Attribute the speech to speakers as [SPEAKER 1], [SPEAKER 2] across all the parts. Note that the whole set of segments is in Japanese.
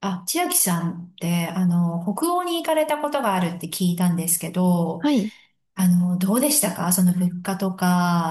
[SPEAKER 1] あ、千秋さんって、あの、北欧に行かれたことがあるって聞いたんですけど、
[SPEAKER 2] はい。
[SPEAKER 1] あの、どうでしたか？その物価と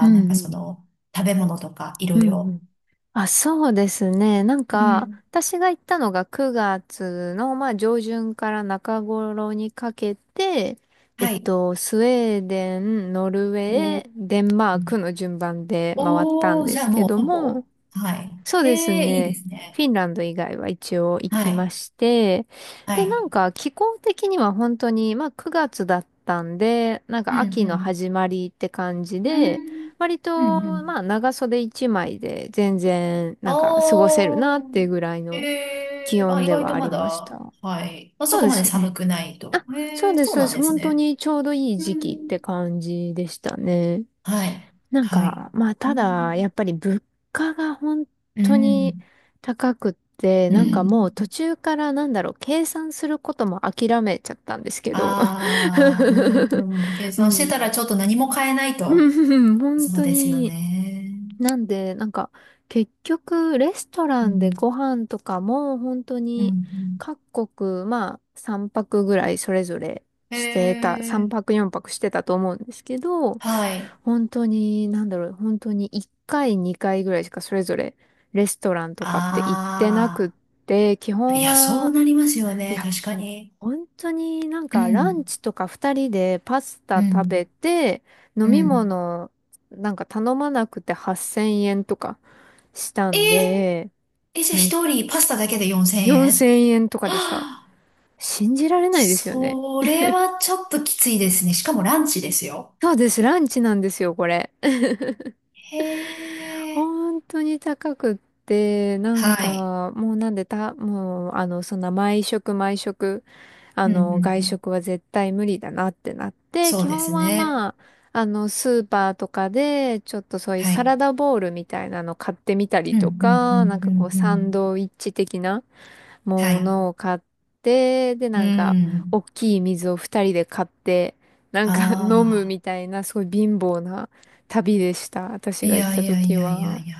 [SPEAKER 2] う
[SPEAKER 1] なん
[SPEAKER 2] ん
[SPEAKER 1] か
[SPEAKER 2] う
[SPEAKER 1] そ
[SPEAKER 2] ん。
[SPEAKER 1] の、食べ物とか、い
[SPEAKER 2] うん
[SPEAKER 1] ろい
[SPEAKER 2] う
[SPEAKER 1] ろ。
[SPEAKER 2] ん。あ、そうですね。なん
[SPEAKER 1] う
[SPEAKER 2] か、
[SPEAKER 1] ん。
[SPEAKER 2] 私が行ったのが9月の、まあ、上旬から中頃にかけて、
[SPEAKER 1] はい。
[SPEAKER 2] スウェーデン、ノルウ
[SPEAKER 1] お
[SPEAKER 2] ェ
[SPEAKER 1] ー、
[SPEAKER 2] ー、デンマ
[SPEAKER 1] う
[SPEAKER 2] ー
[SPEAKER 1] ん。
[SPEAKER 2] クの順番で回ったん
[SPEAKER 1] おー、
[SPEAKER 2] で
[SPEAKER 1] じゃ
[SPEAKER 2] す
[SPEAKER 1] あ
[SPEAKER 2] け
[SPEAKER 1] もう
[SPEAKER 2] ど
[SPEAKER 1] ほ
[SPEAKER 2] も、
[SPEAKER 1] ぼ。はい。
[SPEAKER 2] そう
[SPEAKER 1] へ
[SPEAKER 2] です
[SPEAKER 1] え、いいで
[SPEAKER 2] ね。
[SPEAKER 1] す
[SPEAKER 2] フ
[SPEAKER 1] ね。
[SPEAKER 2] ィンランド以外は一応行
[SPEAKER 1] は
[SPEAKER 2] きま
[SPEAKER 1] い。
[SPEAKER 2] して、
[SPEAKER 1] は
[SPEAKER 2] で、な
[SPEAKER 1] い。
[SPEAKER 2] んか気候的には本当に、まあ9月だったんで、なん
[SPEAKER 1] うん、
[SPEAKER 2] か秋
[SPEAKER 1] う
[SPEAKER 2] の
[SPEAKER 1] ん。
[SPEAKER 2] 始まりって感じ
[SPEAKER 1] う
[SPEAKER 2] で、
[SPEAKER 1] ん
[SPEAKER 2] 割
[SPEAKER 1] うんう
[SPEAKER 2] と、
[SPEAKER 1] ん。
[SPEAKER 2] まあ長袖一枚で全然、なんか過ごせるなっ
[SPEAKER 1] お
[SPEAKER 2] て
[SPEAKER 1] ー。
[SPEAKER 2] いうぐらい
[SPEAKER 1] へ
[SPEAKER 2] の気
[SPEAKER 1] え、あ、
[SPEAKER 2] 温
[SPEAKER 1] 意
[SPEAKER 2] で
[SPEAKER 1] 外
[SPEAKER 2] は
[SPEAKER 1] と
[SPEAKER 2] あ
[SPEAKER 1] ま
[SPEAKER 2] りまし
[SPEAKER 1] だ、
[SPEAKER 2] た。
[SPEAKER 1] はい。まあ、
[SPEAKER 2] そ
[SPEAKER 1] そ
[SPEAKER 2] う
[SPEAKER 1] こ
[SPEAKER 2] で
[SPEAKER 1] まで
[SPEAKER 2] す
[SPEAKER 1] 寒
[SPEAKER 2] ね。
[SPEAKER 1] くないと。
[SPEAKER 2] あ、そ
[SPEAKER 1] へ
[SPEAKER 2] う
[SPEAKER 1] え、
[SPEAKER 2] で
[SPEAKER 1] そ
[SPEAKER 2] す、
[SPEAKER 1] う
[SPEAKER 2] そうで
[SPEAKER 1] なん
[SPEAKER 2] す。
[SPEAKER 1] です
[SPEAKER 2] 本当
[SPEAKER 1] ね。
[SPEAKER 2] にちょうどいい
[SPEAKER 1] う
[SPEAKER 2] 時期っ
[SPEAKER 1] ん。
[SPEAKER 2] て感じでしたね。
[SPEAKER 1] はい。
[SPEAKER 2] なん
[SPEAKER 1] はい。
[SPEAKER 2] か、まあ、
[SPEAKER 1] う
[SPEAKER 2] ただ、
[SPEAKER 1] ん。
[SPEAKER 2] やっぱり物価が本
[SPEAKER 1] う
[SPEAKER 2] 当に
[SPEAKER 1] ん。
[SPEAKER 2] 高くって、
[SPEAKER 1] う
[SPEAKER 2] なんかもう途
[SPEAKER 1] ん。
[SPEAKER 2] 中からなんだろう、計算することも諦めちゃったんですけど。
[SPEAKER 1] ああ、うん。うん、計
[SPEAKER 2] う
[SPEAKER 1] 算してたら
[SPEAKER 2] ん。
[SPEAKER 1] ちょっと何も変えない と。
[SPEAKER 2] うん、本
[SPEAKER 1] そう
[SPEAKER 2] 当
[SPEAKER 1] ですよ
[SPEAKER 2] に。
[SPEAKER 1] ね。
[SPEAKER 2] なんで、なんか、結局、レストラ
[SPEAKER 1] う
[SPEAKER 2] ンで
[SPEAKER 1] ん。
[SPEAKER 2] ご飯とかも、本当
[SPEAKER 1] うん。う
[SPEAKER 2] に、
[SPEAKER 1] ん。
[SPEAKER 2] 各国、まあ、3泊ぐらいそれぞれ
[SPEAKER 1] へ
[SPEAKER 2] してた、3
[SPEAKER 1] え。
[SPEAKER 2] 泊4泊してたと思うんですけど、
[SPEAKER 1] はい。
[SPEAKER 2] 本当に、なんだろう、本当に1回、2回ぐらいしかそれぞれ、レストランとかって行ってなくっ
[SPEAKER 1] あ
[SPEAKER 2] て、基
[SPEAKER 1] あ。い
[SPEAKER 2] 本
[SPEAKER 1] や、そう
[SPEAKER 2] は、
[SPEAKER 1] なりますよ
[SPEAKER 2] い
[SPEAKER 1] ね。
[SPEAKER 2] や、
[SPEAKER 1] 確かに。
[SPEAKER 2] 本当になん
[SPEAKER 1] う
[SPEAKER 2] かラン
[SPEAKER 1] ん。
[SPEAKER 2] チとか二人でパスタ
[SPEAKER 1] う
[SPEAKER 2] 食べ
[SPEAKER 1] ん。
[SPEAKER 2] て、飲
[SPEAKER 1] う
[SPEAKER 2] み
[SPEAKER 1] ん。
[SPEAKER 2] 物なんか頼まなくて8000円とかした
[SPEAKER 1] え
[SPEAKER 2] んで、
[SPEAKER 1] ー、え、じゃあ
[SPEAKER 2] め、
[SPEAKER 1] 一人パスタだけで4000
[SPEAKER 2] 4000
[SPEAKER 1] 円
[SPEAKER 2] 円とか
[SPEAKER 1] は？
[SPEAKER 2] でした。
[SPEAKER 1] あ、
[SPEAKER 2] 信じられないですよね。
[SPEAKER 1] それはちょっときついですね。しかもランチですよ。
[SPEAKER 2] そうです、ランチなんですよ、これ。
[SPEAKER 1] へえ。
[SPEAKER 2] 本当に高くって、なん
[SPEAKER 1] はい。
[SPEAKER 2] か、もうなんでた、もう、そんな毎食毎食
[SPEAKER 1] うんうんう
[SPEAKER 2] 外
[SPEAKER 1] ん。
[SPEAKER 2] 食は絶対無理だなってなって、
[SPEAKER 1] そう
[SPEAKER 2] 基
[SPEAKER 1] で
[SPEAKER 2] 本
[SPEAKER 1] す
[SPEAKER 2] は
[SPEAKER 1] ね。
[SPEAKER 2] まあ、スーパーとかで、ちょっとそういう
[SPEAKER 1] は
[SPEAKER 2] サ
[SPEAKER 1] い。
[SPEAKER 2] ラダボウルみたいなの買ってみたり
[SPEAKER 1] うんう
[SPEAKER 2] と
[SPEAKER 1] んう
[SPEAKER 2] か、なん
[SPEAKER 1] んう
[SPEAKER 2] かこ
[SPEAKER 1] ん
[SPEAKER 2] う、
[SPEAKER 1] う
[SPEAKER 2] サン
[SPEAKER 1] ん。
[SPEAKER 2] ドイッチ的な
[SPEAKER 1] は
[SPEAKER 2] も
[SPEAKER 1] い。
[SPEAKER 2] のを買って、で、
[SPEAKER 1] う
[SPEAKER 2] なんか、大
[SPEAKER 1] ん。
[SPEAKER 2] きい水を二人で買って、な
[SPEAKER 1] あ
[SPEAKER 2] んか 飲むみ
[SPEAKER 1] あ。
[SPEAKER 2] たいな、すごい貧乏な旅でした。私
[SPEAKER 1] い
[SPEAKER 2] が行っ
[SPEAKER 1] や
[SPEAKER 2] た
[SPEAKER 1] いやい
[SPEAKER 2] 時
[SPEAKER 1] やいや
[SPEAKER 2] は。
[SPEAKER 1] いや。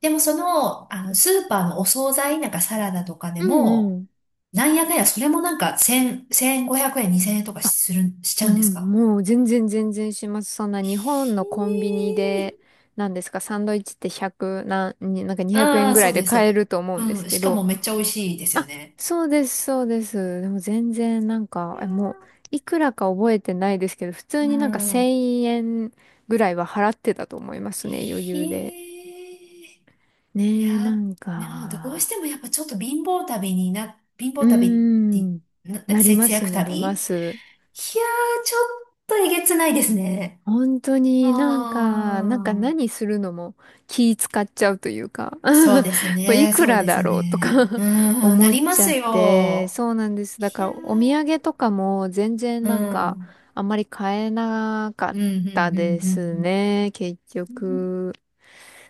[SPEAKER 1] でもその、あの、スーパーのお惣菜、なんかサラダとかで
[SPEAKER 2] うんう
[SPEAKER 1] も、
[SPEAKER 2] ん。
[SPEAKER 1] なんやかんや、それもなんか1000、1500円、2000円とかする、しち
[SPEAKER 2] う
[SPEAKER 1] ゃうんです
[SPEAKER 2] ん、
[SPEAKER 1] か？
[SPEAKER 2] もう全然全然します。そんな日本
[SPEAKER 1] ひ
[SPEAKER 2] のコンビニで、
[SPEAKER 1] ー。
[SPEAKER 2] なんですか、サンドイッチって100、なんか200
[SPEAKER 1] あ
[SPEAKER 2] 円
[SPEAKER 1] あ、
[SPEAKER 2] ぐら
[SPEAKER 1] そ
[SPEAKER 2] い
[SPEAKER 1] う
[SPEAKER 2] で
[SPEAKER 1] です、そう
[SPEAKER 2] 買
[SPEAKER 1] で
[SPEAKER 2] え
[SPEAKER 1] す。
[SPEAKER 2] ると思うんで
[SPEAKER 1] う
[SPEAKER 2] す
[SPEAKER 1] ん。
[SPEAKER 2] け
[SPEAKER 1] しか
[SPEAKER 2] ど、
[SPEAKER 1] もめっちゃ美味しいですよ
[SPEAKER 2] あ、
[SPEAKER 1] ね。
[SPEAKER 2] そうです、そうです。でも全然なんか、もう、いくらか覚えてないですけど、普通
[SPEAKER 1] う
[SPEAKER 2] になんか
[SPEAKER 1] ん。
[SPEAKER 2] 1000円ぐらいは払ってたと思いますね、余
[SPEAKER 1] へ
[SPEAKER 2] 裕で。
[SPEAKER 1] え、い
[SPEAKER 2] ねえ、な
[SPEAKER 1] や、
[SPEAKER 2] ん
[SPEAKER 1] でもどうし
[SPEAKER 2] か、
[SPEAKER 1] てもやっぱちょっと貧
[SPEAKER 2] う
[SPEAKER 1] 乏
[SPEAKER 2] ー
[SPEAKER 1] 旅って、
[SPEAKER 2] ん、
[SPEAKER 1] なんか
[SPEAKER 2] なりま
[SPEAKER 1] 節
[SPEAKER 2] す、
[SPEAKER 1] 約
[SPEAKER 2] なりま
[SPEAKER 1] 旅、いや
[SPEAKER 2] す。
[SPEAKER 1] ー、ちょっとえげつないですね。
[SPEAKER 2] 本当
[SPEAKER 1] あ
[SPEAKER 2] になんか
[SPEAKER 1] あ、
[SPEAKER 2] 何するのも気使っちゃうというか
[SPEAKER 1] そうです
[SPEAKER 2] これい
[SPEAKER 1] ね、
[SPEAKER 2] く
[SPEAKER 1] そう
[SPEAKER 2] ら
[SPEAKER 1] で
[SPEAKER 2] だ
[SPEAKER 1] す
[SPEAKER 2] ろうとか
[SPEAKER 1] ね。う ーん、な
[SPEAKER 2] 思っ
[SPEAKER 1] りま
[SPEAKER 2] ち
[SPEAKER 1] す
[SPEAKER 2] ゃって、
[SPEAKER 1] よ。
[SPEAKER 2] そうなんです。だ
[SPEAKER 1] い
[SPEAKER 2] か
[SPEAKER 1] や
[SPEAKER 2] ら
[SPEAKER 1] ー、
[SPEAKER 2] お土産とかも全然
[SPEAKER 1] う
[SPEAKER 2] なん
[SPEAKER 1] ん、う
[SPEAKER 2] か
[SPEAKER 1] ん、
[SPEAKER 2] あんまり買えなか
[SPEAKER 1] う
[SPEAKER 2] っ
[SPEAKER 1] ん、うん、
[SPEAKER 2] たで
[SPEAKER 1] う
[SPEAKER 2] す
[SPEAKER 1] ん。
[SPEAKER 2] ね、結
[SPEAKER 1] うん。
[SPEAKER 2] 局。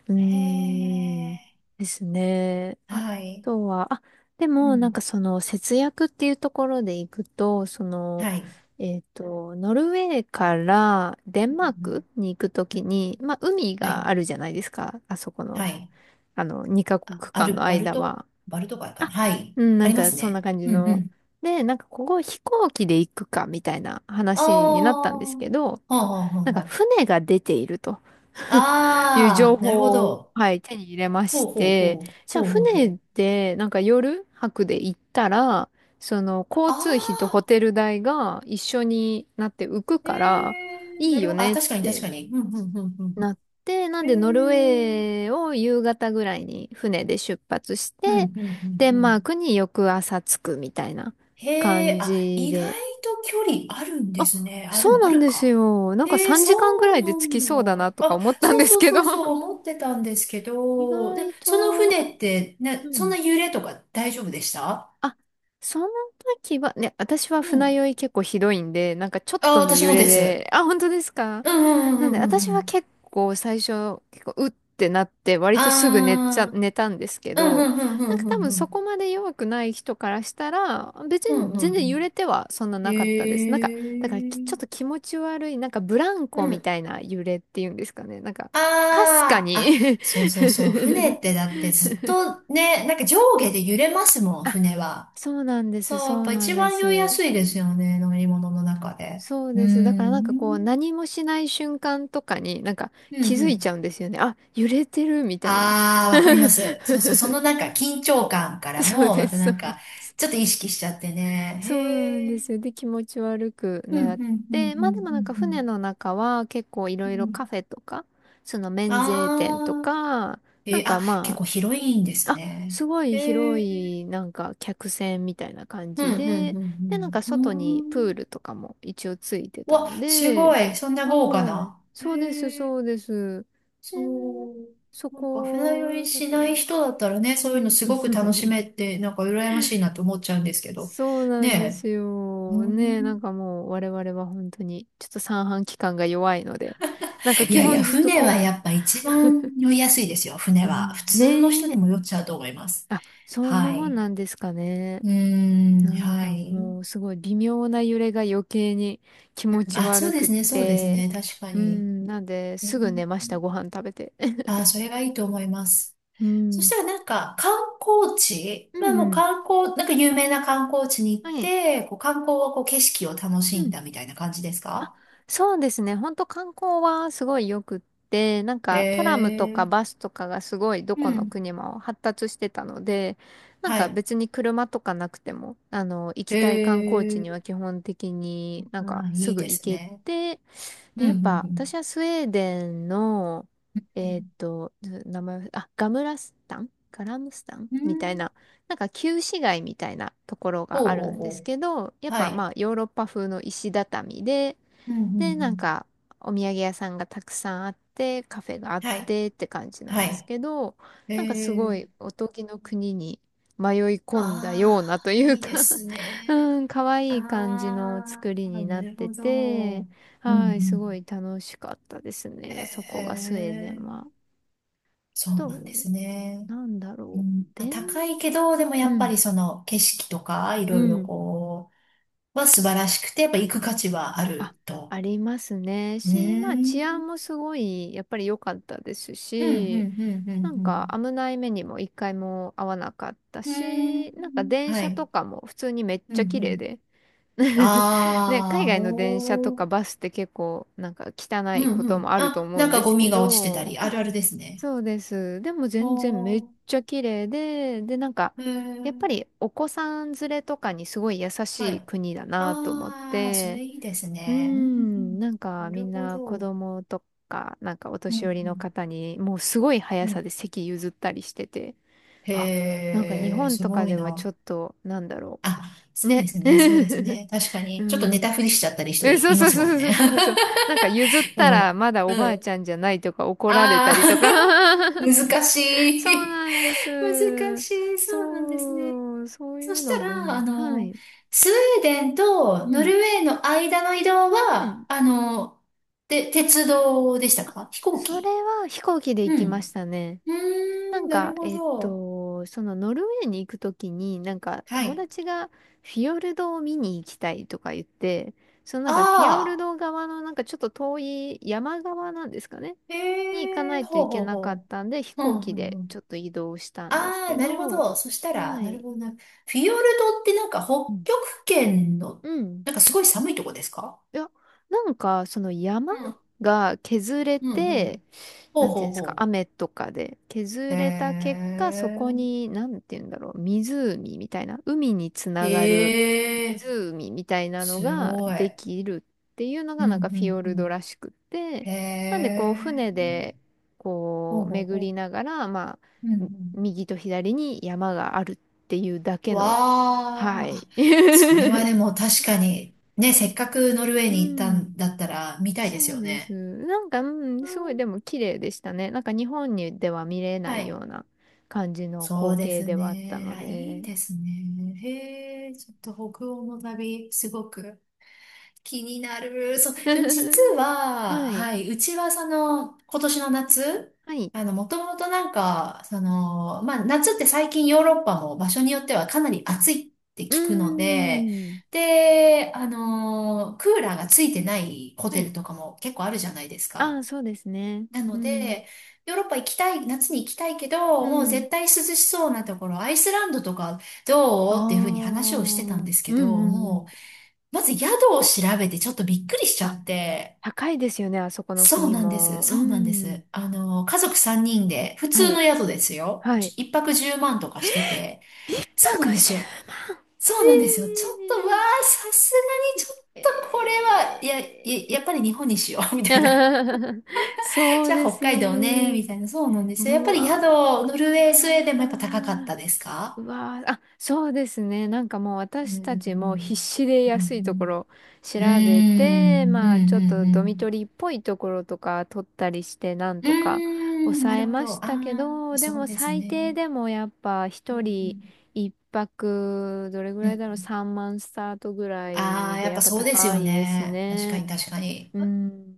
[SPEAKER 2] うー
[SPEAKER 1] へ
[SPEAKER 2] ん。
[SPEAKER 1] え、
[SPEAKER 2] ですね。
[SPEAKER 1] は
[SPEAKER 2] あ
[SPEAKER 1] い、
[SPEAKER 2] とは、あ、で
[SPEAKER 1] う
[SPEAKER 2] も、なんか
[SPEAKER 1] ん、
[SPEAKER 2] その節約っていうところでいくと、その、
[SPEAKER 1] はい、
[SPEAKER 2] ノルウェーからデ
[SPEAKER 1] う
[SPEAKER 2] ン
[SPEAKER 1] ん、
[SPEAKER 2] マー
[SPEAKER 1] うん、
[SPEAKER 2] クに行くときに、まあ、海
[SPEAKER 1] は
[SPEAKER 2] が
[SPEAKER 1] い、
[SPEAKER 2] あるじゃないですか。あそこの、
[SPEAKER 1] はい。
[SPEAKER 2] あの、2カ国
[SPEAKER 1] あ
[SPEAKER 2] 間の
[SPEAKER 1] る、バル
[SPEAKER 2] 間
[SPEAKER 1] ト、
[SPEAKER 2] は。
[SPEAKER 1] バルト海かな。
[SPEAKER 2] あ、
[SPEAKER 1] はい。
[SPEAKER 2] うん、な
[SPEAKER 1] あ
[SPEAKER 2] ん
[SPEAKER 1] りま
[SPEAKER 2] か
[SPEAKER 1] す
[SPEAKER 2] そんな
[SPEAKER 1] ね。
[SPEAKER 2] 感じ
[SPEAKER 1] うんう
[SPEAKER 2] の。
[SPEAKER 1] ん。
[SPEAKER 2] で、なんかここ飛行機で行くかみたいな
[SPEAKER 1] あ
[SPEAKER 2] 話になったん
[SPEAKER 1] あ、
[SPEAKER 2] です
[SPEAKER 1] は
[SPEAKER 2] けど、
[SPEAKER 1] あはあはあ
[SPEAKER 2] なんか
[SPEAKER 1] は
[SPEAKER 2] 船が出ていると。
[SPEAKER 1] あ。
[SPEAKER 2] いう情
[SPEAKER 1] ああ、なるほ
[SPEAKER 2] 報を、
[SPEAKER 1] ど。
[SPEAKER 2] はい、手に入れま
[SPEAKER 1] ほう
[SPEAKER 2] し
[SPEAKER 1] ほう
[SPEAKER 2] て、
[SPEAKER 1] ほう。
[SPEAKER 2] じゃあ
[SPEAKER 1] ほうほうほ
[SPEAKER 2] 船
[SPEAKER 1] う。
[SPEAKER 2] で、なんか夜泊で行ったら、その
[SPEAKER 1] あ
[SPEAKER 2] 交通費とホ
[SPEAKER 1] あ、
[SPEAKER 2] テル代が一緒になって浮く
[SPEAKER 1] え
[SPEAKER 2] から、
[SPEAKER 1] えー、
[SPEAKER 2] い
[SPEAKER 1] な
[SPEAKER 2] い
[SPEAKER 1] る
[SPEAKER 2] よ
[SPEAKER 1] ほど。あ、
[SPEAKER 2] ねっ
[SPEAKER 1] 確かに確
[SPEAKER 2] て
[SPEAKER 1] かに。うんうんうんうん。
[SPEAKER 2] なって、なん
[SPEAKER 1] ええ
[SPEAKER 2] でノルウ
[SPEAKER 1] ー。
[SPEAKER 2] ェーを夕方ぐらいに船で出発し
[SPEAKER 1] う
[SPEAKER 2] て、
[SPEAKER 1] んうん
[SPEAKER 2] デ
[SPEAKER 1] う
[SPEAKER 2] ン
[SPEAKER 1] んう
[SPEAKER 2] マー
[SPEAKER 1] ん。
[SPEAKER 2] クに翌朝着くみたいな
[SPEAKER 1] へ
[SPEAKER 2] 感
[SPEAKER 1] え、あ、
[SPEAKER 2] じ
[SPEAKER 1] 意外
[SPEAKER 2] で。
[SPEAKER 1] と距離あるんで
[SPEAKER 2] あ、
[SPEAKER 1] すね。あ、
[SPEAKER 2] そ
[SPEAKER 1] で
[SPEAKER 2] う
[SPEAKER 1] もあ
[SPEAKER 2] なん
[SPEAKER 1] る
[SPEAKER 2] です
[SPEAKER 1] か。
[SPEAKER 2] よ。なんか
[SPEAKER 1] へえ、
[SPEAKER 2] 3
[SPEAKER 1] そ
[SPEAKER 2] 時間ぐら
[SPEAKER 1] う
[SPEAKER 2] いで
[SPEAKER 1] な
[SPEAKER 2] 着
[SPEAKER 1] ん
[SPEAKER 2] き
[SPEAKER 1] だ。
[SPEAKER 2] そうだなとか
[SPEAKER 1] あ、
[SPEAKER 2] 思ったん
[SPEAKER 1] そう
[SPEAKER 2] です
[SPEAKER 1] そう
[SPEAKER 2] けど
[SPEAKER 1] そうそう、思ってたんですけ
[SPEAKER 2] 意
[SPEAKER 1] ど、で、
[SPEAKER 2] 外
[SPEAKER 1] その
[SPEAKER 2] と、
[SPEAKER 1] 船って、ね、
[SPEAKER 2] う
[SPEAKER 1] そんな
[SPEAKER 2] ん。
[SPEAKER 1] 揺れとか大丈夫でした？
[SPEAKER 2] あ、その時は、ね、私は
[SPEAKER 1] う
[SPEAKER 2] 船
[SPEAKER 1] ん。
[SPEAKER 2] 酔い結構ひどいんで、なんかちょっ
[SPEAKER 1] あ、
[SPEAKER 2] との
[SPEAKER 1] 私
[SPEAKER 2] 揺
[SPEAKER 1] も
[SPEAKER 2] れ
[SPEAKER 1] です。
[SPEAKER 2] で、あ、本当ですか？
[SPEAKER 1] うんうん
[SPEAKER 2] な
[SPEAKER 1] う
[SPEAKER 2] んで
[SPEAKER 1] んうんう
[SPEAKER 2] 私
[SPEAKER 1] んう
[SPEAKER 2] は
[SPEAKER 1] ん。
[SPEAKER 2] 結構最初、結構うってなって、割とすぐ寝ちゃ、
[SPEAKER 1] あ
[SPEAKER 2] 寝たんですけ
[SPEAKER 1] ー、うん
[SPEAKER 2] ど、
[SPEAKER 1] うんうんう
[SPEAKER 2] なんか
[SPEAKER 1] んう
[SPEAKER 2] 多
[SPEAKER 1] ん
[SPEAKER 2] 分
[SPEAKER 1] う
[SPEAKER 2] そこ
[SPEAKER 1] ん。
[SPEAKER 2] まで弱くない人からしたら、別
[SPEAKER 1] うん
[SPEAKER 2] に
[SPEAKER 1] う
[SPEAKER 2] 全
[SPEAKER 1] んう
[SPEAKER 2] 然揺れ
[SPEAKER 1] ん。
[SPEAKER 2] てはそんななかったです。なんか、だから
[SPEAKER 1] へ
[SPEAKER 2] ちょっと
[SPEAKER 1] え。
[SPEAKER 2] 気持ち悪い、なんかブランコ
[SPEAKER 1] う
[SPEAKER 2] み
[SPEAKER 1] ん。
[SPEAKER 2] たいな揺れっていうんですかね。なんか、かすか
[SPEAKER 1] ああ、あ、
[SPEAKER 2] に
[SPEAKER 1] そうそうそう。船 ってだってずっとね、なんか上下で揺れますもん、
[SPEAKER 2] あ、
[SPEAKER 1] 船は。
[SPEAKER 2] そうなんです、
[SPEAKER 1] そう、やっ
[SPEAKER 2] そう
[SPEAKER 1] ぱ
[SPEAKER 2] なん
[SPEAKER 1] 一
[SPEAKER 2] で
[SPEAKER 1] 番酔いや
[SPEAKER 2] す。
[SPEAKER 1] すいですよね、乗り物の中で。
[SPEAKER 2] そう
[SPEAKER 1] うー
[SPEAKER 2] です。だからなんかこう
[SPEAKER 1] ん。
[SPEAKER 2] 何もしない瞬間とかになんか
[SPEAKER 1] う
[SPEAKER 2] 気
[SPEAKER 1] ん
[SPEAKER 2] づ
[SPEAKER 1] う
[SPEAKER 2] いち
[SPEAKER 1] ん。
[SPEAKER 2] ゃうんですよね。あ、揺れてるみたいな。
[SPEAKER 1] ああ、わかります。そうそう、そのなん か緊張感から
[SPEAKER 2] そう
[SPEAKER 1] も、
[SPEAKER 2] で
[SPEAKER 1] また
[SPEAKER 2] す、そ
[SPEAKER 1] な
[SPEAKER 2] う
[SPEAKER 1] ん
[SPEAKER 2] です。
[SPEAKER 1] か、ちょっと意識しちゃってね。へ
[SPEAKER 2] そうなんで
[SPEAKER 1] え。
[SPEAKER 2] すよ。で、気持ち悪く
[SPEAKER 1] うんう
[SPEAKER 2] なっ
[SPEAKER 1] んうん
[SPEAKER 2] て、
[SPEAKER 1] う
[SPEAKER 2] まあでもなん
[SPEAKER 1] ん
[SPEAKER 2] か
[SPEAKER 1] うん
[SPEAKER 2] 船の中は結構い
[SPEAKER 1] う
[SPEAKER 2] ろい
[SPEAKER 1] ん。
[SPEAKER 2] ろ
[SPEAKER 1] う
[SPEAKER 2] カ
[SPEAKER 1] ん。
[SPEAKER 2] フェとか、その免税店と
[SPEAKER 1] ああ、
[SPEAKER 2] か、な
[SPEAKER 1] えー、
[SPEAKER 2] んか
[SPEAKER 1] あ、結
[SPEAKER 2] ま
[SPEAKER 1] 構広いんで
[SPEAKER 2] あ、
[SPEAKER 1] す
[SPEAKER 2] あ、
[SPEAKER 1] ね。
[SPEAKER 2] すごい
[SPEAKER 1] へ
[SPEAKER 2] 広
[SPEAKER 1] え。
[SPEAKER 2] いなんか客船みたいな感
[SPEAKER 1] う
[SPEAKER 2] じ
[SPEAKER 1] んうんう
[SPEAKER 2] で、で、なんか
[SPEAKER 1] んう
[SPEAKER 2] 外
[SPEAKER 1] ん。
[SPEAKER 2] にプ
[SPEAKER 1] うー
[SPEAKER 2] ー
[SPEAKER 1] ん。
[SPEAKER 2] ルとかも一応ついてた
[SPEAKER 1] わ、
[SPEAKER 2] ん
[SPEAKER 1] す
[SPEAKER 2] で、
[SPEAKER 1] ごい。そんな豪華
[SPEAKER 2] はい、
[SPEAKER 1] な。へ
[SPEAKER 2] そうです、
[SPEAKER 1] え、
[SPEAKER 2] そうです。で、
[SPEAKER 1] そう。
[SPEAKER 2] そ
[SPEAKER 1] なんか船酔
[SPEAKER 2] こ
[SPEAKER 1] い
[SPEAKER 2] だ
[SPEAKER 1] しない
[SPEAKER 2] と
[SPEAKER 1] 人だったらね、そういうのすごく 楽しめて、なんか羨ましいなと思っちゃうんですけど。
[SPEAKER 2] そうなんで
[SPEAKER 1] ね
[SPEAKER 2] す
[SPEAKER 1] え。
[SPEAKER 2] よ。
[SPEAKER 1] う
[SPEAKER 2] ねえ、なん
[SPEAKER 1] ん。
[SPEAKER 2] かもう我々は本当にちょっと三半規管が弱いので、なんか
[SPEAKER 1] い
[SPEAKER 2] 基
[SPEAKER 1] やい
[SPEAKER 2] 本
[SPEAKER 1] や、
[SPEAKER 2] ずっと
[SPEAKER 1] 船は
[SPEAKER 2] こ
[SPEAKER 1] やっぱ一番酔いやすいですよ、船
[SPEAKER 2] う、
[SPEAKER 1] は。普通の人
[SPEAKER 2] ね
[SPEAKER 1] で
[SPEAKER 2] え、
[SPEAKER 1] も酔っちゃうと思います。
[SPEAKER 2] あ、そんな
[SPEAKER 1] は
[SPEAKER 2] もん
[SPEAKER 1] い。
[SPEAKER 2] なんですかね。
[SPEAKER 1] うーん、
[SPEAKER 2] なん
[SPEAKER 1] は
[SPEAKER 2] か
[SPEAKER 1] い。
[SPEAKER 2] もうすごい微妙な揺れが余計に気持ち
[SPEAKER 1] あ、そう
[SPEAKER 2] 悪
[SPEAKER 1] で
[SPEAKER 2] くっ
[SPEAKER 1] すね、そうです
[SPEAKER 2] て、
[SPEAKER 1] ね、確か
[SPEAKER 2] う
[SPEAKER 1] に。
[SPEAKER 2] ん、なんで
[SPEAKER 1] う
[SPEAKER 2] すぐ
[SPEAKER 1] ん、
[SPEAKER 2] 寝ました、ご飯食べて。
[SPEAKER 1] あ、それがいいと思います。
[SPEAKER 2] う
[SPEAKER 1] そし
[SPEAKER 2] ん、
[SPEAKER 1] たらなんか観光地、
[SPEAKER 2] う
[SPEAKER 1] まあ
[SPEAKER 2] ん、う
[SPEAKER 1] もう
[SPEAKER 2] ん。
[SPEAKER 1] 観光、なんか有名な観光地に行っ
[SPEAKER 2] はい。
[SPEAKER 1] て、こう観光はこう景色を楽し
[SPEAKER 2] う
[SPEAKER 1] ん
[SPEAKER 2] ん、
[SPEAKER 1] だみたいな感じですか？
[SPEAKER 2] そうですね。ほんと観光はすごいよくって、なん
[SPEAKER 1] へ
[SPEAKER 2] かトラムとか
[SPEAKER 1] え、
[SPEAKER 2] バスとかがすごいど
[SPEAKER 1] う
[SPEAKER 2] この
[SPEAKER 1] ん、
[SPEAKER 2] 国も発達してたので、なん
[SPEAKER 1] は
[SPEAKER 2] か
[SPEAKER 1] い。
[SPEAKER 2] 別に車とかなくても、あの、行き
[SPEAKER 1] へ
[SPEAKER 2] たい観光地には
[SPEAKER 1] え、
[SPEAKER 2] 基本的になん
[SPEAKER 1] あ
[SPEAKER 2] か
[SPEAKER 1] あ、
[SPEAKER 2] す
[SPEAKER 1] いい
[SPEAKER 2] ぐ
[SPEAKER 1] で
[SPEAKER 2] 行
[SPEAKER 1] す
[SPEAKER 2] け
[SPEAKER 1] ね。
[SPEAKER 2] て、で、
[SPEAKER 1] うん、
[SPEAKER 2] やっ
[SPEAKER 1] う
[SPEAKER 2] ぱ私
[SPEAKER 1] ん、
[SPEAKER 2] はスウェーデンの、
[SPEAKER 1] う
[SPEAKER 2] えーっ
[SPEAKER 1] ん。
[SPEAKER 2] と、名前、あ、ガムラスタンガラムスタン
[SPEAKER 1] う
[SPEAKER 2] みたい
[SPEAKER 1] ん、
[SPEAKER 2] な、なんか旧市街みたいなところが
[SPEAKER 1] ほう
[SPEAKER 2] ある
[SPEAKER 1] ほう
[SPEAKER 2] んです
[SPEAKER 1] ほ
[SPEAKER 2] けど、や
[SPEAKER 1] う。
[SPEAKER 2] っ
[SPEAKER 1] は
[SPEAKER 2] ぱま
[SPEAKER 1] い。
[SPEAKER 2] あヨーロッパ風の石畳で、
[SPEAKER 1] うん、うん、う
[SPEAKER 2] で、なん
[SPEAKER 1] ん。
[SPEAKER 2] か、お土産屋さんがたくさんあって、カフェがあっ
[SPEAKER 1] はい、
[SPEAKER 2] てって感じなん
[SPEAKER 1] は
[SPEAKER 2] です
[SPEAKER 1] い。
[SPEAKER 2] けど、
[SPEAKER 1] へ
[SPEAKER 2] なんかすご
[SPEAKER 1] え、
[SPEAKER 2] いおとぎの国に迷い込んだような
[SPEAKER 1] ああ、
[SPEAKER 2] という
[SPEAKER 1] いいで
[SPEAKER 2] か
[SPEAKER 1] す ね。
[SPEAKER 2] うん、可
[SPEAKER 1] あ
[SPEAKER 2] 愛い感じの作り
[SPEAKER 1] あ、
[SPEAKER 2] に
[SPEAKER 1] な
[SPEAKER 2] なっ
[SPEAKER 1] る
[SPEAKER 2] て
[SPEAKER 1] ほど。う
[SPEAKER 2] て、
[SPEAKER 1] ん、う
[SPEAKER 2] はい、すご
[SPEAKER 1] ん。
[SPEAKER 2] い楽しかったです
[SPEAKER 1] へ
[SPEAKER 2] ね。そこがスウェーデンは。
[SPEAKER 1] え。そうな
[SPEAKER 2] と、
[SPEAKER 1] んですね。
[SPEAKER 2] なんだ
[SPEAKER 1] う
[SPEAKER 2] ろ
[SPEAKER 1] ん、
[SPEAKER 2] う。
[SPEAKER 1] まあ、高いけど、でもや
[SPEAKER 2] う
[SPEAKER 1] っぱ
[SPEAKER 2] ん、
[SPEAKER 1] りその景色とかい
[SPEAKER 2] う
[SPEAKER 1] ろいろ
[SPEAKER 2] ん。
[SPEAKER 1] は素晴らしくて、やっぱ行く価値はあ
[SPEAKER 2] あ、
[SPEAKER 1] ると。
[SPEAKER 2] ありますね。
[SPEAKER 1] うー
[SPEAKER 2] まあ治安
[SPEAKER 1] ん。
[SPEAKER 2] もすごい、やっぱり良かったです
[SPEAKER 1] うん、うん、
[SPEAKER 2] し、
[SPEAKER 1] うん、
[SPEAKER 2] なん
[SPEAKER 1] う
[SPEAKER 2] か
[SPEAKER 1] ん、
[SPEAKER 2] 危ない目にも一回も遭わなかった
[SPEAKER 1] うん。うー
[SPEAKER 2] し、なんか
[SPEAKER 1] ん。
[SPEAKER 2] 電
[SPEAKER 1] は
[SPEAKER 2] 車と
[SPEAKER 1] い。
[SPEAKER 2] かも普通にめっ
[SPEAKER 1] う
[SPEAKER 2] ち
[SPEAKER 1] ん、う
[SPEAKER 2] ゃ綺麗
[SPEAKER 1] ん。
[SPEAKER 2] で。ね、海
[SPEAKER 1] ああ、
[SPEAKER 2] 外の電車と
[SPEAKER 1] お
[SPEAKER 2] か
[SPEAKER 1] ー。
[SPEAKER 2] バスって結構なんか汚
[SPEAKER 1] う
[SPEAKER 2] いこ
[SPEAKER 1] ん、う
[SPEAKER 2] とも
[SPEAKER 1] ん。
[SPEAKER 2] あると
[SPEAKER 1] あ、
[SPEAKER 2] 思う
[SPEAKER 1] なん
[SPEAKER 2] んで
[SPEAKER 1] かゴ
[SPEAKER 2] す
[SPEAKER 1] ミ
[SPEAKER 2] け
[SPEAKER 1] が落ちてた
[SPEAKER 2] ど、
[SPEAKER 1] り、あるあるですね。
[SPEAKER 2] そうです。でも全然めっ
[SPEAKER 1] おー。
[SPEAKER 2] ちゃ綺麗で、でなんか
[SPEAKER 1] え
[SPEAKER 2] やっ
[SPEAKER 1] ー、
[SPEAKER 2] ぱりお子さん連れとかにすごい優
[SPEAKER 1] はい。
[SPEAKER 2] しい国だなと思っ
[SPEAKER 1] ああ、そ
[SPEAKER 2] て、
[SPEAKER 1] れいいです
[SPEAKER 2] うー
[SPEAKER 1] ね。う
[SPEAKER 2] ん、な
[SPEAKER 1] ん、
[SPEAKER 2] ん
[SPEAKER 1] う
[SPEAKER 2] か
[SPEAKER 1] ん。な
[SPEAKER 2] み
[SPEAKER 1] る
[SPEAKER 2] ん
[SPEAKER 1] ほ
[SPEAKER 2] な子
[SPEAKER 1] ど。
[SPEAKER 2] 供とか、なんかお
[SPEAKER 1] うん、う
[SPEAKER 2] 年寄りの
[SPEAKER 1] ん。
[SPEAKER 2] 方に、もうすごい速
[SPEAKER 1] う
[SPEAKER 2] さ
[SPEAKER 1] ん。
[SPEAKER 2] で席譲ったりしてて、あ、なんか日
[SPEAKER 1] へえ、
[SPEAKER 2] 本
[SPEAKER 1] す
[SPEAKER 2] と
[SPEAKER 1] ご
[SPEAKER 2] か
[SPEAKER 1] い
[SPEAKER 2] ではち
[SPEAKER 1] な。
[SPEAKER 2] ょっと、なんだろ
[SPEAKER 1] あ、
[SPEAKER 2] う。
[SPEAKER 1] そうで
[SPEAKER 2] ね。
[SPEAKER 1] すね、そうです ね。確か
[SPEAKER 2] う
[SPEAKER 1] に、ちょっと寝た
[SPEAKER 2] ん。
[SPEAKER 1] ふりしちゃったり
[SPEAKER 2] え、そう
[SPEAKER 1] いま
[SPEAKER 2] そう
[SPEAKER 1] す
[SPEAKER 2] そ
[SPEAKER 1] もん
[SPEAKER 2] うそう
[SPEAKER 1] ね。
[SPEAKER 2] そうそうそう。なんか譲っ た
[SPEAKER 1] で
[SPEAKER 2] ら
[SPEAKER 1] も、
[SPEAKER 2] まだ
[SPEAKER 1] う
[SPEAKER 2] おばあ
[SPEAKER 1] ん。
[SPEAKER 2] ちゃんじゃないとか怒られ
[SPEAKER 1] あ
[SPEAKER 2] たりとか。
[SPEAKER 1] あ、難し
[SPEAKER 2] そう
[SPEAKER 1] い。
[SPEAKER 2] なんで
[SPEAKER 1] 難
[SPEAKER 2] す。
[SPEAKER 1] しい。そうなんですね。
[SPEAKER 2] そう、そう
[SPEAKER 1] そ
[SPEAKER 2] いう
[SPEAKER 1] した
[SPEAKER 2] のが、
[SPEAKER 1] ら、あ
[SPEAKER 2] は
[SPEAKER 1] の、
[SPEAKER 2] い。
[SPEAKER 1] スウェーデンと
[SPEAKER 2] う
[SPEAKER 1] ノ
[SPEAKER 2] ん。
[SPEAKER 1] ルウェーの間の移動
[SPEAKER 2] う
[SPEAKER 1] は、
[SPEAKER 2] ん。
[SPEAKER 1] あの、で、鉄道でしたか飛行
[SPEAKER 2] それ
[SPEAKER 1] 機？
[SPEAKER 2] は飛行機で行
[SPEAKER 1] う
[SPEAKER 2] きま
[SPEAKER 1] ん。
[SPEAKER 2] したね。
[SPEAKER 1] う
[SPEAKER 2] な
[SPEAKER 1] ーん、
[SPEAKER 2] ん
[SPEAKER 1] なる
[SPEAKER 2] か、
[SPEAKER 1] ほど。
[SPEAKER 2] そのノルウェーに行くときに、なんか
[SPEAKER 1] は
[SPEAKER 2] 友
[SPEAKER 1] い。
[SPEAKER 2] 達がフィヨルドを見に行きたいとか言って、そのなんかフィヨル
[SPEAKER 1] あ
[SPEAKER 2] ド側のなんかちょっと遠い山側なんですかね、
[SPEAKER 1] あ、
[SPEAKER 2] に行か
[SPEAKER 1] え
[SPEAKER 2] な
[SPEAKER 1] え、
[SPEAKER 2] いと
[SPEAKER 1] ほう
[SPEAKER 2] いけ
[SPEAKER 1] ほう
[SPEAKER 2] なかっ
[SPEAKER 1] ほ
[SPEAKER 2] たんで、飛
[SPEAKER 1] う。う
[SPEAKER 2] 行
[SPEAKER 1] ん
[SPEAKER 2] 機
[SPEAKER 1] うんう
[SPEAKER 2] でちょっ
[SPEAKER 1] ん。
[SPEAKER 2] と移動したんです
[SPEAKER 1] ああ、
[SPEAKER 2] け
[SPEAKER 1] なるほ
[SPEAKER 2] ど、
[SPEAKER 1] ど。そしたら、
[SPEAKER 2] は
[SPEAKER 1] なる
[SPEAKER 2] い。
[SPEAKER 1] ほどな。フィヨルドってなんか
[SPEAKER 2] う
[SPEAKER 1] 北
[SPEAKER 2] ん
[SPEAKER 1] 極圏の、
[SPEAKER 2] うん。
[SPEAKER 1] なんかすごい寒いとこですか？
[SPEAKER 2] いや、なんか、その山
[SPEAKER 1] うん、
[SPEAKER 2] が削れ
[SPEAKER 1] うん、う
[SPEAKER 2] て、
[SPEAKER 1] ん。ほう
[SPEAKER 2] なんてい
[SPEAKER 1] ほ
[SPEAKER 2] うん
[SPEAKER 1] う
[SPEAKER 2] ですか、
[SPEAKER 1] ほ
[SPEAKER 2] 雨とかで
[SPEAKER 1] う。
[SPEAKER 2] 削
[SPEAKER 1] へ
[SPEAKER 2] れた結果、そこ
[SPEAKER 1] え。
[SPEAKER 2] に、なんていうんだろう、湖みたいな、海につながる
[SPEAKER 1] へえ。
[SPEAKER 2] 湖みたいなの
[SPEAKER 1] す
[SPEAKER 2] が
[SPEAKER 1] ごい。
[SPEAKER 2] できるっていうの
[SPEAKER 1] う
[SPEAKER 2] が、
[SPEAKER 1] ん、
[SPEAKER 2] なんか
[SPEAKER 1] う
[SPEAKER 2] フィヨ
[SPEAKER 1] ん、う
[SPEAKER 2] ルド
[SPEAKER 1] ん。
[SPEAKER 2] らしくって、
[SPEAKER 1] へ
[SPEAKER 2] なんでこう、船
[SPEAKER 1] え。
[SPEAKER 2] で、
[SPEAKER 1] ほ
[SPEAKER 2] こ
[SPEAKER 1] う
[SPEAKER 2] う、
[SPEAKER 1] ほう
[SPEAKER 2] 巡り
[SPEAKER 1] ほ
[SPEAKER 2] ながら、ま
[SPEAKER 1] う。うん、う
[SPEAKER 2] あ、
[SPEAKER 1] ん。
[SPEAKER 2] 右と左に山があるっていうだけの、
[SPEAKER 1] わ
[SPEAKER 2] は
[SPEAKER 1] ーあ。
[SPEAKER 2] い。
[SPEAKER 1] それはで も確かに、ね、せっかくノルウェー
[SPEAKER 2] う
[SPEAKER 1] に行った
[SPEAKER 2] ん。
[SPEAKER 1] んだったら見たいです
[SPEAKER 2] そう
[SPEAKER 1] よ
[SPEAKER 2] です。
[SPEAKER 1] ね。
[SPEAKER 2] なんか、うん、
[SPEAKER 1] う
[SPEAKER 2] すごい
[SPEAKER 1] ん。
[SPEAKER 2] でも綺麗でしたね。なんか日本にでは見れな
[SPEAKER 1] は
[SPEAKER 2] い
[SPEAKER 1] い。
[SPEAKER 2] ような感じの
[SPEAKER 1] そ
[SPEAKER 2] 光
[SPEAKER 1] うで
[SPEAKER 2] 景
[SPEAKER 1] す
[SPEAKER 2] ではあった
[SPEAKER 1] ね。
[SPEAKER 2] の
[SPEAKER 1] あ、いい
[SPEAKER 2] で。
[SPEAKER 1] ですね。へえ、ちょっと北欧の旅、すごく気になる。そう、じゃ実 は、
[SPEAKER 2] はい。
[SPEAKER 1] はい、うちはその、今年の夏、
[SPEAKER 2] はい。
[SPEAKER 1] あの、もともとなんか、その、まあ、夏って最近ヨーロッパも場所によってはかなり暑いって
[SPEAKER 2] うー
[SPEAKER 1] 聞くので、
[SPEAKER 2] ん。
[SPEAKER 1] で、あの、クーラーがついてないホ
[SPEAKER 2] は
[SPEAKER 1] テ
[SPEAKER 2] い。
[SPEAKER 1] ルとかも結構あるじゃないです
[SPEAKER 2] ああ、
[SPEAKER 1] か。
[SPEAKER 2] そうですね。
[SPEAKER 1] な
[SPEAKER 2] う
[SPEAKER 1] の
[SPEAKER 2] ん。
[SPEAKER 1] で、ヨーロッパ行きたい、夏に行きたいけ
[SPEAKER 2] う
[SPEAKER 1] ど、もう
[SPEAKER 2] ん。
[SPEAKER 1] 絶対涼しそうなところ、アイスランドとか
[SPEAKER 2] ああ。
[SPEAKER 1] どうっていうふうに話をしてた
[SPEAKER 2] う
[SPEAKER 1] んで
[SPEAKER 2] ん
[SPEAKER 1] す
[SPEAKER 2] う
[SPEAKER 1] けど、
[SPEAKER 2] んう
[SPEAKER 1] も
[SPEAKER 2] ん。
[SPEAKER 1] う、まず宿を調べてちょっとびっくりしちゃ
[SPEAKER 2] あ、
[SPEAKER 1] って、
[SPEAKER 2] 高いですよね、あそこの
[SPEAKER 1] そう
[SPEAKER 2] 国
[SPEAKER 1] なんです、
[SPEAKER 2] も。う
[SPEAKER 1] そうなんで
[SPEAKER 2] ん。
[SPEAKER 1] す。あの、家族3人で、普
[SPEAKER 2] は
[SPEAKER 1] 通の
[SPEAKER 2] い。
[SPEAKER 1] 宿ですよ。
[SPEAKER 2] はい。
[SPEAKER 1] 1泊10万とかしてて、そうなんです
[SPEAKER 2] 110
[SPEAKER 1] よ。
[SPEAKER 2] 万。
[SPEAKER 1] そうなんですよ。ちょっと、わあ、さすがにちょっ
[SPEAKER 2] えー
[SPEAKER 1] とこれは、いや、
[SPEAKER 2] え
[SPEAKER 1] い
[SPEAKER 2] ー
[SPEAKER 1] ややっぱり日本にしよう、みたいな。
[SPEAKER 2] そう
[SPEAKER 1] じゃあ
[SPEAKER 2] で
[SPEAKER 1] 北
[SPEAKER 2] す
[SPEAKER 1] 海
[SPEAKER 2] よ
[SPEAKER 1] 道ね、
[SPEAKER 2] ね。
[SPEAKER 1] みたいな。そうなんですよ。や
[SPEAKER 2] う
[SPEAKER 1] っぱり宿、
[SPEAKER 2] わ
[SPEAKER 1] ノルウェー、スウェーデンもやっぱ高かっ
[SPEAKER 2] ー。
[SPEAKER 1] たですか？
[SPEAKER 2] うわー。あ、そうですね。なんかもう
[SPEAKER 1] う
[SPEAKER 2] 私たちも必
[SPEAKER 1] ん。
[SPEAKER 2] 死で
[SPEAKER 1] う
[SPEAKER 2] 安いとこ
[SPEAKER 1] ん。
[SPEAKER 2] ろ
[SPEAKER 1] うん。う
[SPEAKER 2] 調べて、
[SPEAKER 1] ん。
[SPEAKER 2] まあちょっ
[SPEAKER 1] うん。
[SPEAKER 2] と
[SPEAKER 1] う
[SPEAKER 2] ドミト
[SPEAKER 1] ん。
[SPEAKER 2] リーっぽいところとか取ったりしてなん
[SPEAKER 1] う
[SPEAKER 2] とか
[SPEAKER 1] んうん、
[SPEAKER 2] 抑
[SPEAKER 1] な
[SPEAKER 2] え
[SPEAKER 1] るほ
[SPEAKER 2] ま
[SPEAKER 1] ど。
[SPEAKER 2] し
[SPEAKER 1] あ
[SPEAKER 2] たけ
[SPEAKER 1] あ、
[SPEAKER 2] ど、で
[SPEAKER 1] そ
[SPEAKER 2] も
[SPEAKER 1] うです
[SPEAKER 2] 最
[SPEAKER 1] ね。
[SPEAKER 2] 低でもやっぱ
[SPEAKER 1] う
[SPEAKER 2] 一
[SPEAKER 1] んうん
[SPEAKER 2] 人一泊どれぐ
[SPEAKER 1] う
[SPEAKER 2] らい
[SPEAKER 1] ん。
[SPEAKER 2] だろう、3万スタートぐら
[SPEAKER 1] あ
[SPEAKER 2] い
[SPEAKER 1] あ、
[SPEAKER 2] で
[SPEAKER 1] やっ
[SPEAKER 2] やっ
[SPEAKER 1] ぱ
[SPEAKER 2] ぱ
[SPEAKER 1] そうです
[SPEAKER 2] 高
[SPEAKER 1] よ
[SPEAKER 2] いです
[SPEAKER 1] ね。確か
[SPEAKER 2] ね。
[SPEAKER 1] に確かに。
[SPEAKER 2] うん。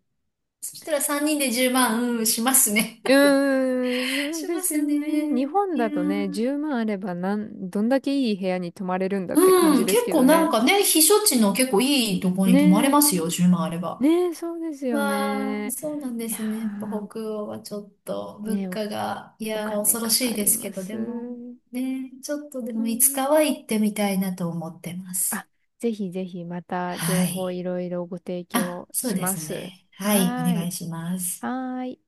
[SPEAKER 1] そしたら3人で10万、うん、しますね。
[SPEAKER 2] うーん、そう
[SPEAKER 1] し
[SPEAKER 2] で
[SPEAKER 1] ま
[SPEAKER 2] す
[SPEAKER 1] す
[SPEAKER 2] よ
[SPEAKER 1] ね。
[SPEAKER 2] ね。日本
[SPEAKER 1] い
[SPEAKER 2] だ
[SPEAKER 1] や
[SPEAKER 2] とね、
[SPEAKER 1] ー、
[SPEAKER 2] 10万あればどんだけいい部屋に泊まれるんだって感
[SPEAKER 1] う
[SPEAKER 2] じ
[SPEAKER 1] ん、
[SPEAKER 2] です
[SPEAKER 1] 結
[SPEAKER 2] け
[SPEAKER 1] 構
[SPEAKER 2] ど
[SPEAKER 1] なん
[SPEAKER 2] ね。
[SPEAKER 1] かね、避暑地の結構いいとこに泊まれ
[SPEAKER 2] ねえ、
[SPEAKER 1] ますよ、10万あれば。
[SPEAKER 2] ねえ、そうですよ
[SPEAKER 1] わあ、
[SPEAKER 2] ね。
[SPEAKER 1] そうなんで
[SPEAKER 2] いや
[SPEAKER 1] すね。やっぱ
[SPEAKER 2] ー、
[SPEAKER 1] 北欧はちょっと物
[SPEAKER 2] ねえ、お、
[SPEAKER 1] 価が、い
[SPEAKER 2] お
[SPEAKER 1] やー、
[SPEAKER 2] 金
[SPEAKER 1] 恐ろ
[SPEAKER 2] か
[SPEAKER 1] し
[SPEAKER 2] か
[SPEAKER 1] いで
[SPEAKER 2] り
[SPEAKER 1] す
[SPEAKER 2] ま
[SPEAKER 1] けど、
[SPEAKER 2] す。
[SPEAKER 1] でも、
[SPEAKER 2] う
[SPEAKER 1] ね、ちょっとでもいつ
[SPEAKER 2] ん。
[SPEAKER 1] かは行ってみたいなと思ってます。
[SPEAKER 2] あ、ぜひぜひまた
[SPEAKER 1] は
[SPEAKER 2] 情報い
[SPEAKER 1] い。
[SPEAKER 2] ろいろご提
[SPEAKER 1] あ、
[SPEAKER 2] 供
[SPEAKER 1] そう
[SPEAKER 2] し
[SPEAKER 1] で
[SPEAKER 2] ま
[SPEAKER 1] す
[SPEAKER 2] す。
[SPEAKER 1] ね。
[SPEAKER 2] は
[SPEAKER 1] はい、お
[SPEAKER 2] ー
[SPEAKER 1] 願
[SPEAKER 2] い。
[SPEAKER 1] いします。
[SPEAKER 2] はーい。